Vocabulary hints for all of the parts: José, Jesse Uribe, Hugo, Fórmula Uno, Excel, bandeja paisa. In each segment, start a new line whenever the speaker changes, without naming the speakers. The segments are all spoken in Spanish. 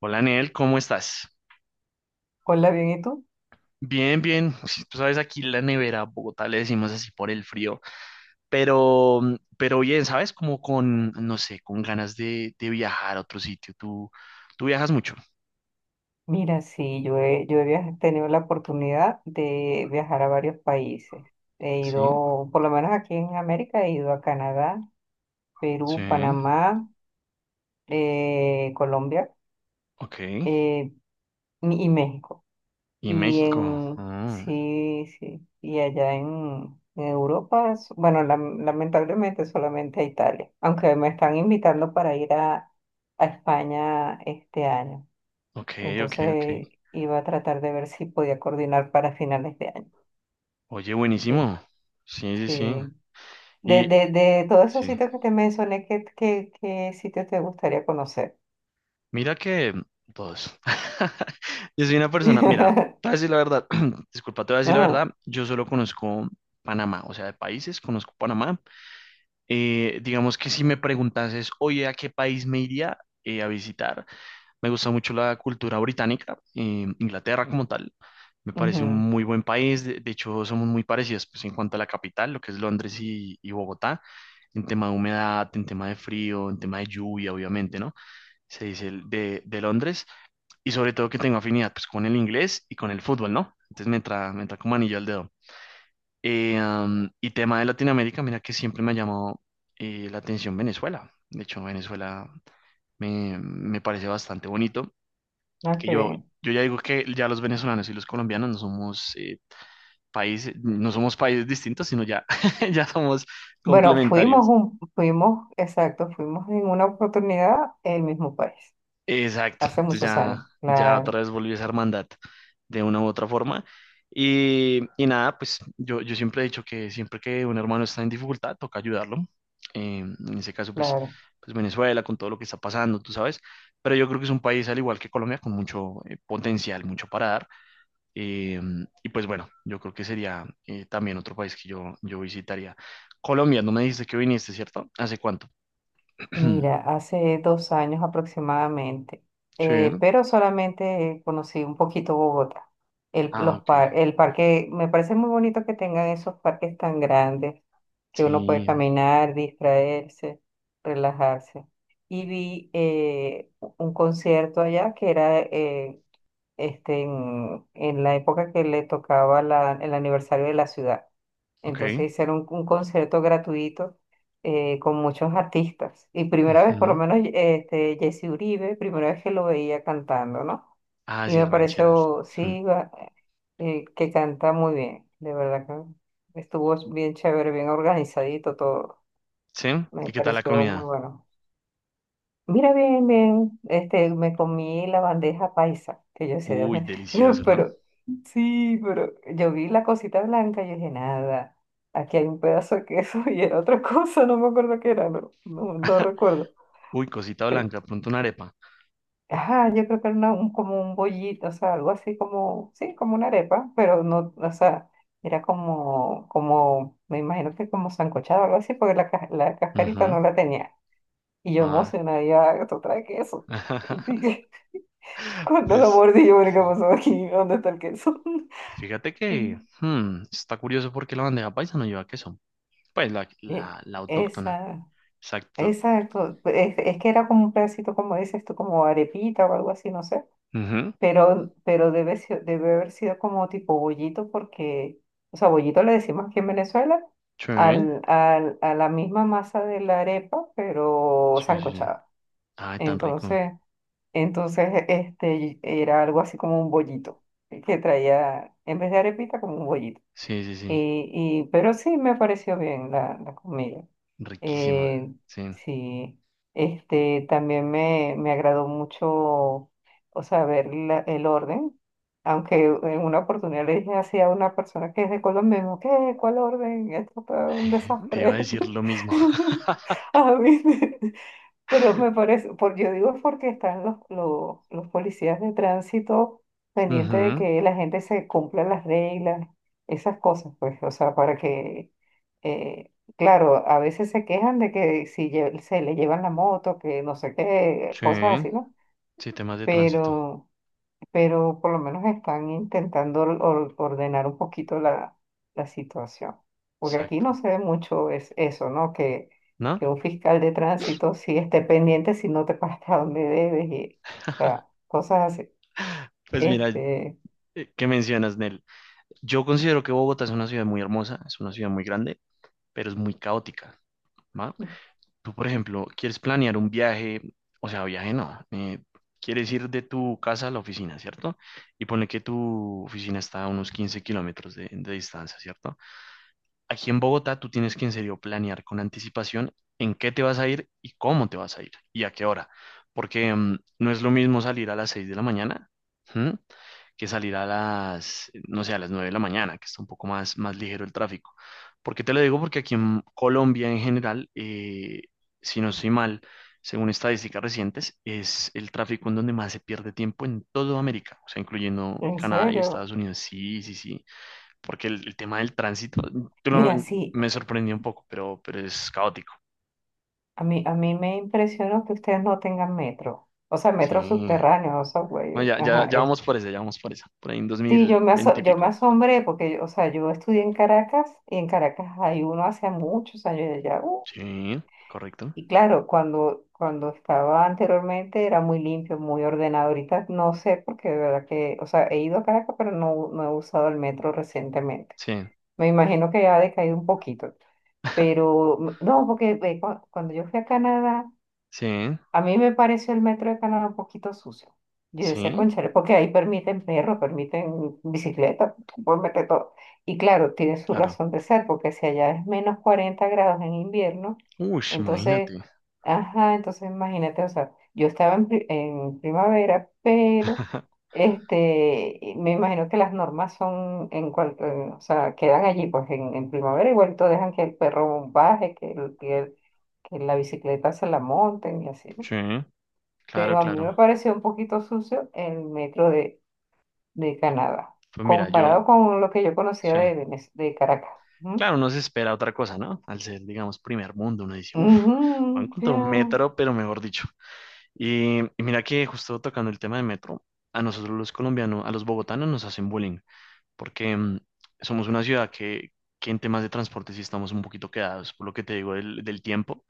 Hola, Nel, ¿cómo estás?
Hola, bien, ¿y tú?
Bien, bien. Sí, tú sabes, aquí la nevera, Bogotá le decimos así por el frío, pero bien, ¿sabes? Como con, no sé, con ganas de viajar a otro sitio. Tú viajas mucho.
Mira, sí, yo he tenido la oportunidad de viajar a varios países. He
Sí,
ido, por lo menos aquí en América, he ido a Canadá,
sí,
Perú, Panamá, Colombia,
ok.
eh, y México.
Y México.
Sí, sí, y allá en Europa, bueno, lamentablemente solamente a Italia, aunque me están invitando para ir a España este año.
Ok, ok, ok.
Entonces iba a tratar de ver si podía coordinar para finales de año.
Oye,
Eh,
buenísimo. Sí, sí, sí.
sí. De,
Y
de, de todos esos
sí.
sitios que te mencioné, ¿ qué sitio te gustaría conocer?
Mira que todos. Yo soy una persona, mira, te voy a decir la verdad, disculpa, te voy a decir la
Ajá,
verdad, yo solo conozco Panamá, o sea, de países, conozco Panamá. Digamos que si me preguntases, oye, ¿a qué país me iría a visitar? Me gusta mucho la cultura británica, Inglaterra como tal. Me parece un
ujú.
muy buen país, de hecho somos muy parecidos pues, en cuanto a la capital, lo que es Londres y Bogotá, en tema de humedad, en tema de frío, en tema de lluvia, obviamente, ¿no? Se dice el de Londres y sobre todo que tengo afinidad pues con el inglés y con el fútbol, ¿no? Entonces me entra como anillo al dedo. Y tema de Latinoamérica, mira que siempre me ha llamado la atención Venezuela. De hecho, Venezuela me parece bastante bonito.
Ah,
Que
qué
yo,
bien.
yo ya digo que ya los venezolanos y los colombianos no somos países, no somos países distintos, sino ya, ya somos
Bueno,
complementarios.
exacto, fuimos en una oportunidad el mismo país,
Exacto,
hace
entonces
muchos
ya,
años,
ya otra
claro,
vez volvió esa hermandad de una u otra forma. Y nada, pues yo siempre he dicho que siempre que un hermano está en dificultad, toca ayudarlo. En ese caso, pues,
claro.
pues Venezuela, con todo lo que está pasando, tú sabes. Pero yo creo que es un país, al igual que Colombia, con mucho potencial, mucho para dar. Eh, y pues bueno, yo creo que sería también otro país que yo visitaría. Colombia, no me dijiste que viniste, ¿cierto? ¿Hace cuánto?
Mira, hace dos años aproximadamente,
Sí.
pero solamente conocí un poquito Bogotá. El,
Ah,
los
ok.
par- el parque, me parece muy bonito que tengan esos parques tan grandes, que uno puede
Sí,
caminar, distraerse, relajarse. Y vi un concierto allá que era en la época que le tocaba el aniversario de la ciudad.
ok.
Entonces hicieron un concierto gratuito con muchos artistas. Y primera vez, por lo
Ujú.
menos, este, Jesse Uribe, primera vez que lo veía cantando, ¿no?
Ah,
Y
sí,
me
rancheras.
pareció,
Ujú.
sí, que canta muy bien. De verdad que estuvo bien chévere, bien organizadito todo.
¿Sí?
Me
¿Y qué tal la
pareció muy
comida?
bueno. Mira, bien, bien, este, me comí la bandeja paisa, que yo sé, Dios
Uy,
mío,
delicioso, ¿no?
pero, sí, pero yo vi la cosita blanca y dije, nada, aquí hay un pedazo de queso y era otra cosa, no me acuerdo qué era, no, no, no recuerdo.
Uy, cosita
Eh,
blanca, pronto una arepa.
Ajá, yo creo que era como un bollito, o sea, algo así como, sí, como una arepa, pero no, o sea, era como, como, me imagino que como sancochado o algo así, porque la cascarita
Ujú.
no la tenía. Y yo
Ah,
emocionada, ya, esto trae queso. Cuando lo
pues,
mordí, yo, bueno, ¿qué
sí.
pasó aquí? ¿Dónde está el queso?
Fíjate que está curioso porque la bandeja paisa no lleva queso. Pues la,
Y
la, la autóctona.
Esa,
Exacto.
esa, es que era como un pedacito, como dices tú, como arepita o algo así, no sé.
Ujú.
Pero, debe haber sido como tipo bollito, porque, o sea, bollito le decimos aquí en Venezuela
Sí,
a la misma masa de la arepa, pero
sí, sí. Sí.
sancochada.
Ay, tan rico.
Entonces, entonces, este, era algo así como un bollito, que traía, en vez de arepita, como un bollito.
Sí, sí, sí.
Pero sí me pareció bien la comida.
Riquísima.
Eh,
Sí.
sí, este, también me agradó mucho, o sea, ver el orden, aunque en una oportunidad le dije así a una persona que es de Colombia, y me dijo, ¿qué? ¿Cuál orden? Esto fue un
Te iba a
desastre.
decir lo mismo.
A mí. Pero me parece, por, yo digo es porque están los policías de tránsito pendientes de
Ujú.
que la gente se cumpla las reglas, esas cosas, pues, o sea, para que, eh, claro, a veces se quejan de que si se le llevan la moto, que no sé qué,
Sí.
cosas así, ¿no?
Sí, temas de tránsito.
Pero pero por lo menos están intentando ordenar un poquito la situación. Porque aquí no
Exacto.
se ve mucho es eso, ¿no?
¿No?
Que un fiscal de tránsito sí esté pendiente si no te pagas a donde debes y, o sea, cosas así.
Pues mira,
Este,
¿qué mencionas, Nel? Yo considero que Bogotá es una ciudad muy hermosa, es una ciudad muy grande, pero es muy caótica, ¿va? Tú, por ejemplo, quieres planear un viaje, o sea, viaje no, quieres ir de tu casa a la oficina, ¿cierto? Y ponle que tu oficina está a unos 15 km de distancia, ¿cierto? Aquí en Bogotá tú tienes que en serio planear con anticipación en qué te vas a ir y cómo te vas a ir y a qué hora. Porque no es lo mismo salir a las 6 de la mañana. ¿M? Que salir a las, no sé, a las 9 de la mañana, que está un poco más, más ligero el tráfico. ¿Por qué te lo digo? Porque aquí en Colombia en general, si no estoy mal, según estadísticas recientes, es el tráfico en donde más se pierde tiempo en toda América, o sea, incluyendo
en
Canadá y
serio.
Estados Unidos. Sí, sí, sí, porque el tema del tránsito tú lo-
Mira, sí,
me sorprendió un poco, pero es caótico.
a mí me impresionó que ustedes no tengan metro. O sea,
Sí.
metro subterráneo, o sea, güey,
No, ya, ya,
ajá.
ya vamos por esa, ya vamos por esa. Por ahí en
Sí,
2020 y
yo me
pico.
asombré porque, o sea, yo estudié en Caracas y en Caracas hay uno hace muchos años ya.
Sí, correcto.
Y claro, cuando estaba anteriormente era muy limpio, muy ordenado. Ahorita no sé porque de verdad que, o sea, he ido a Caracas, pero no, no he usado el metro recientemente.
Sí,
Me imagino que ya ha decaído un poquito. Pero no, porque ve, cuando yo fui a Canadá.
sí,
A mí me pareció el metro de Canadá un poquito sucio. Yo decía,
sí,
cónchale, porque ahí permiten perros, permiten bicicleta, pueden meter todo. Y claro, tiene su
claro.
razón de ser, porque si allá es menos 40 grados en invierno,
Uy,
entonces,
imagínate.
ajá, entonces imagínate, o sea, yo estaba en primavera, pero este, y me imagino que las normas son en cuanto, o sea, quedan allí, pues en primavera igual todo dejan que el perro baje, que la bicicleta se la monten y así, ¿no?
Sí, claro,
Pero a mí me
claro.
pareció un poquito sucio el metro de Canadá,
Pues mira, yo,
comparado con lo que yo conocía
sí.
de, de Caracas. Ujú.
Claro, uno se espera otra cosa, ¿no? Al ser, digamos, primer mundo, uno dice, uff, van a
Ujú,
encontrar un
claro.
metro, pero mejor dicho. Y mira que justo tocando el tema de metro, a nosotros los colombianos, a los bogotanos nos hacen bullying, porque somos una ciudad que en temas de transporte sí estamos un poquito quedados, por lo que te digo del tiempo.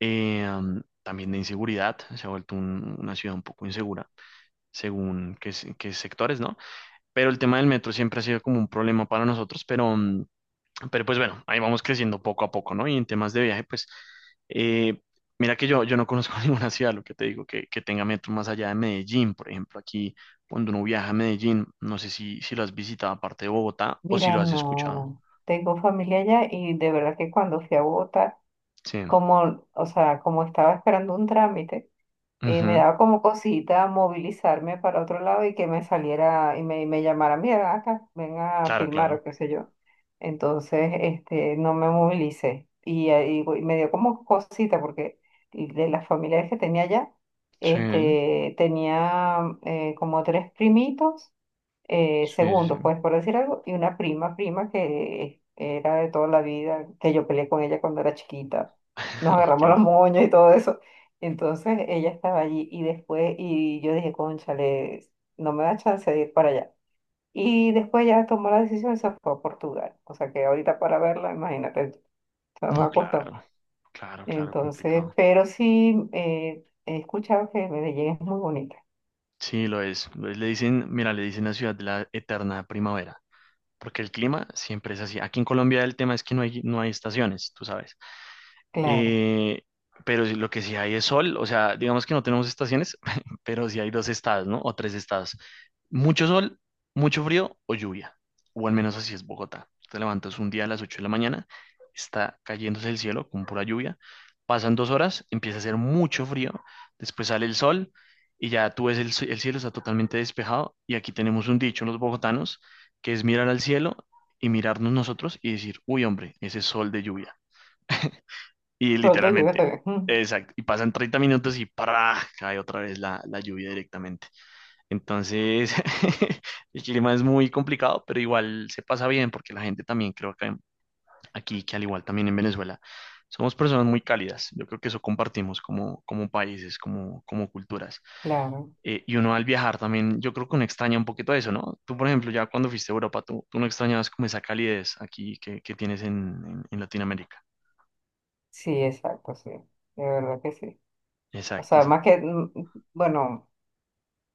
También de inseguridad, se ha vuelto una ciudad un poco insegura, según qué sectores, ¿no? Pero el tema del metro siempre ha sido como un problema para nosotros, pero pues bueno, ahí vamos creciendo poco a poco, ¿no? Y en temas de viaje, pues eh, mira que yo no conozco ninguna ciudad, lo que te digo, que tenga metro más allá de Medellín. Por ejemplo, aquí cuando uno viaja a Medellín, no sé si lo has visitado aparte de Bogotá o si
Mira,
lo has escuchado.
no, tengo familia allá y de verdad que cuando fui a Bogotá,
Sí.
como, o sea, como estaba esperando un trámite, y me
Ujú.
daba como cosita movilizarme para otro lado y que me saliera y me llamara, mira, ven acá, ven a
Claro,
filmar
claro.
o qué sé yo. Entonces, este, no me movilicé y, me dio como cosita porque de las familiares que tenía allá,
Sí,
este, tenía como tres primitos,
sí, sí. Sí.
segundos, pues por decir algo, y prima que era de toda la vida, que yo peleé con ella cuando era chiquita. Nos agarramos los
Ok.
moños y todo eso. Entonces ella estaba allí y después, y yo dije, cónchale, no me da chance de ir para allá. Y después ya tomó la decisión y se fue a Portugal. O sea que ahorita para verla, imagínate, no
No,
me cuesta más.
claro. Claro, claro,
Entonces,
complicado.
pero sí he escuchado que Medellín es muy bonita.
Sí, lo es. Lo es. Le dicen, mira, le dicen la ciudad de la eterna primavera. Porque el clima siempre es así. Aquí en Colombia el tema es que no hay estaciones, tú sabes.
Claro.
Eh, pero lo que sí hay es sol, o sea, digamos que no tenemos estaciones, pero sí hay dos estados, ¿no? O tres estados. Mucho sol, mucho frío o lluvia. O al menos así es Bogotá. Te levantas un día a las 8 de la mañana, está cayéndose el cielo con pura lluvia. Pasan 2 horas, empieza a hacer mucho frío, después sale el sol y ya tú ves el cielo, está totalmente despejado. Y aquí tenemos un dicho los bogotanos, que es mirar al cielo y mirarnos nosotros y decir, uy, hombre, ese sol de lluvia. Y
Sol de lluvia
literalmente,
también.
exacto. Y pasan 30 minutos y ¡para! Cae otra vez la lluvia directamente. Entonces, el clima es muy complicado, pero igual se pasa bien porque la gente también creo que aquí, que al igual también en Venezuela, somos personas muy cálidas. Yo creo que eso compartimos como países, como culturas.
Claro.
Y uno al viajar también, yo creo que uno extraña un poquito eso, ¿no? Tú, por ejemplo, ya cuando fuiste a Europa, tú no extrañabas como esa calidez aquí que tienes en Latinoamérica.
Sí, exacto, sí. De verdad que sí. O
Exacto,
sea,
exacto.
más que, bueno,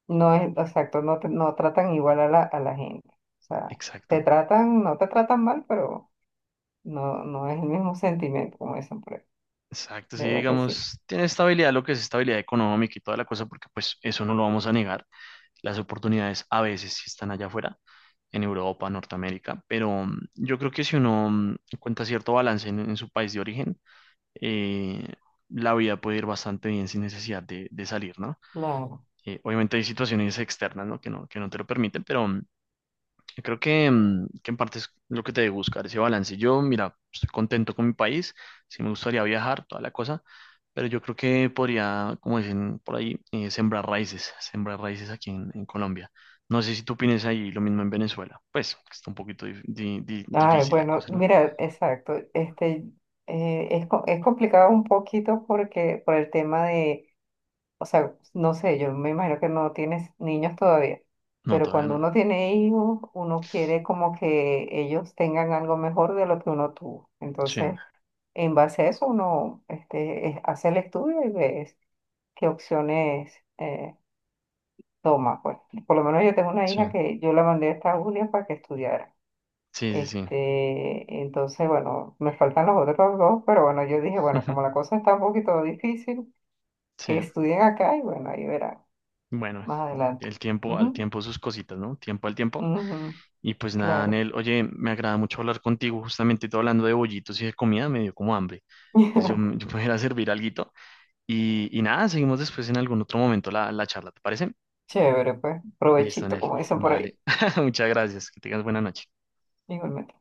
no es exacto, no, no tratan igual a a la gente. O sea, te
Exacto.
tratan, no te tratan mal, pero no, no es el mismo sentimiento, como dicen por ahí.
Exacto,
De
sí,
verdad que sí.
digamos, tiene estabilidad lo que es estabilidad económica y toda la cosa, porque pues eso no lo vamos a negar. Las oportunidades a veces sí están allá afuera, en Europa, Norteamérica, pero yo creo que si uno encuentra cierto balance en su país de origen, eh, la vida puede ir bastante bien sin necesidad de salir, ¿no?
Claro.
Obviamente hay situaciones externas, ¿no? Que no te lo permiten, pero creo que en parte es lo que te debe buscar, ese balance. Yo, mira, estoy contento con mi país, sí me gustaría viajar, toda la cosa, pero yo creo que podría, como dicen por ahí, sembrar raíces aquí en Colombia. No sé si tú opinas ahí lo mismo en Venezuela. Pues está un poquito dif- di- di-
Ay,
difícil la
bueno,
cosa, ¿no?
mira, exacto. Este, es complicado un poquito porque, por el tema de, o sea, no sé, yo me imagino que no tienes niños todavía,
No,
pero
todavía
cuando
no.
uno tiene hijos, uno quiere como que ellos tengan algo mejor de lo que uno tuvo.
Sí,
Entonces, en base a eso, uno este, hace el estudio y ves qué opciones. Toma, pues, por lo menos yo tengo una
sí,
hija que yo la mandé a Estados Unidos para que estudiara.
sí, sí, sí.
Este, entonces, bueno, me faltan los otros dos, pero bueno, yo dije, bueno, como la cosa está un poquito difícil,
Sí,
que estudien acá y bueno, ahí verán
bueno,
más adelante.
el tiempo al
Ujú,
tiempo sus cositas, ¿no? Tiempo al tiempo.
ujú,
Y pues nada,
claro.
Anel, oye, me agrada mucho hablar contigo, justamente todo hablando de bollitos y de comida, me dio como hambre. Entonces yo me voy a ir a servir alguito y nada, seguimos después en algún otro momento la charla, ¿te parece?
Chévere, pues,
Listo,
provechito,
Anel,
como dicen por ahí,
vale. Muchas gracias, que tengas buena noche.
igualmente.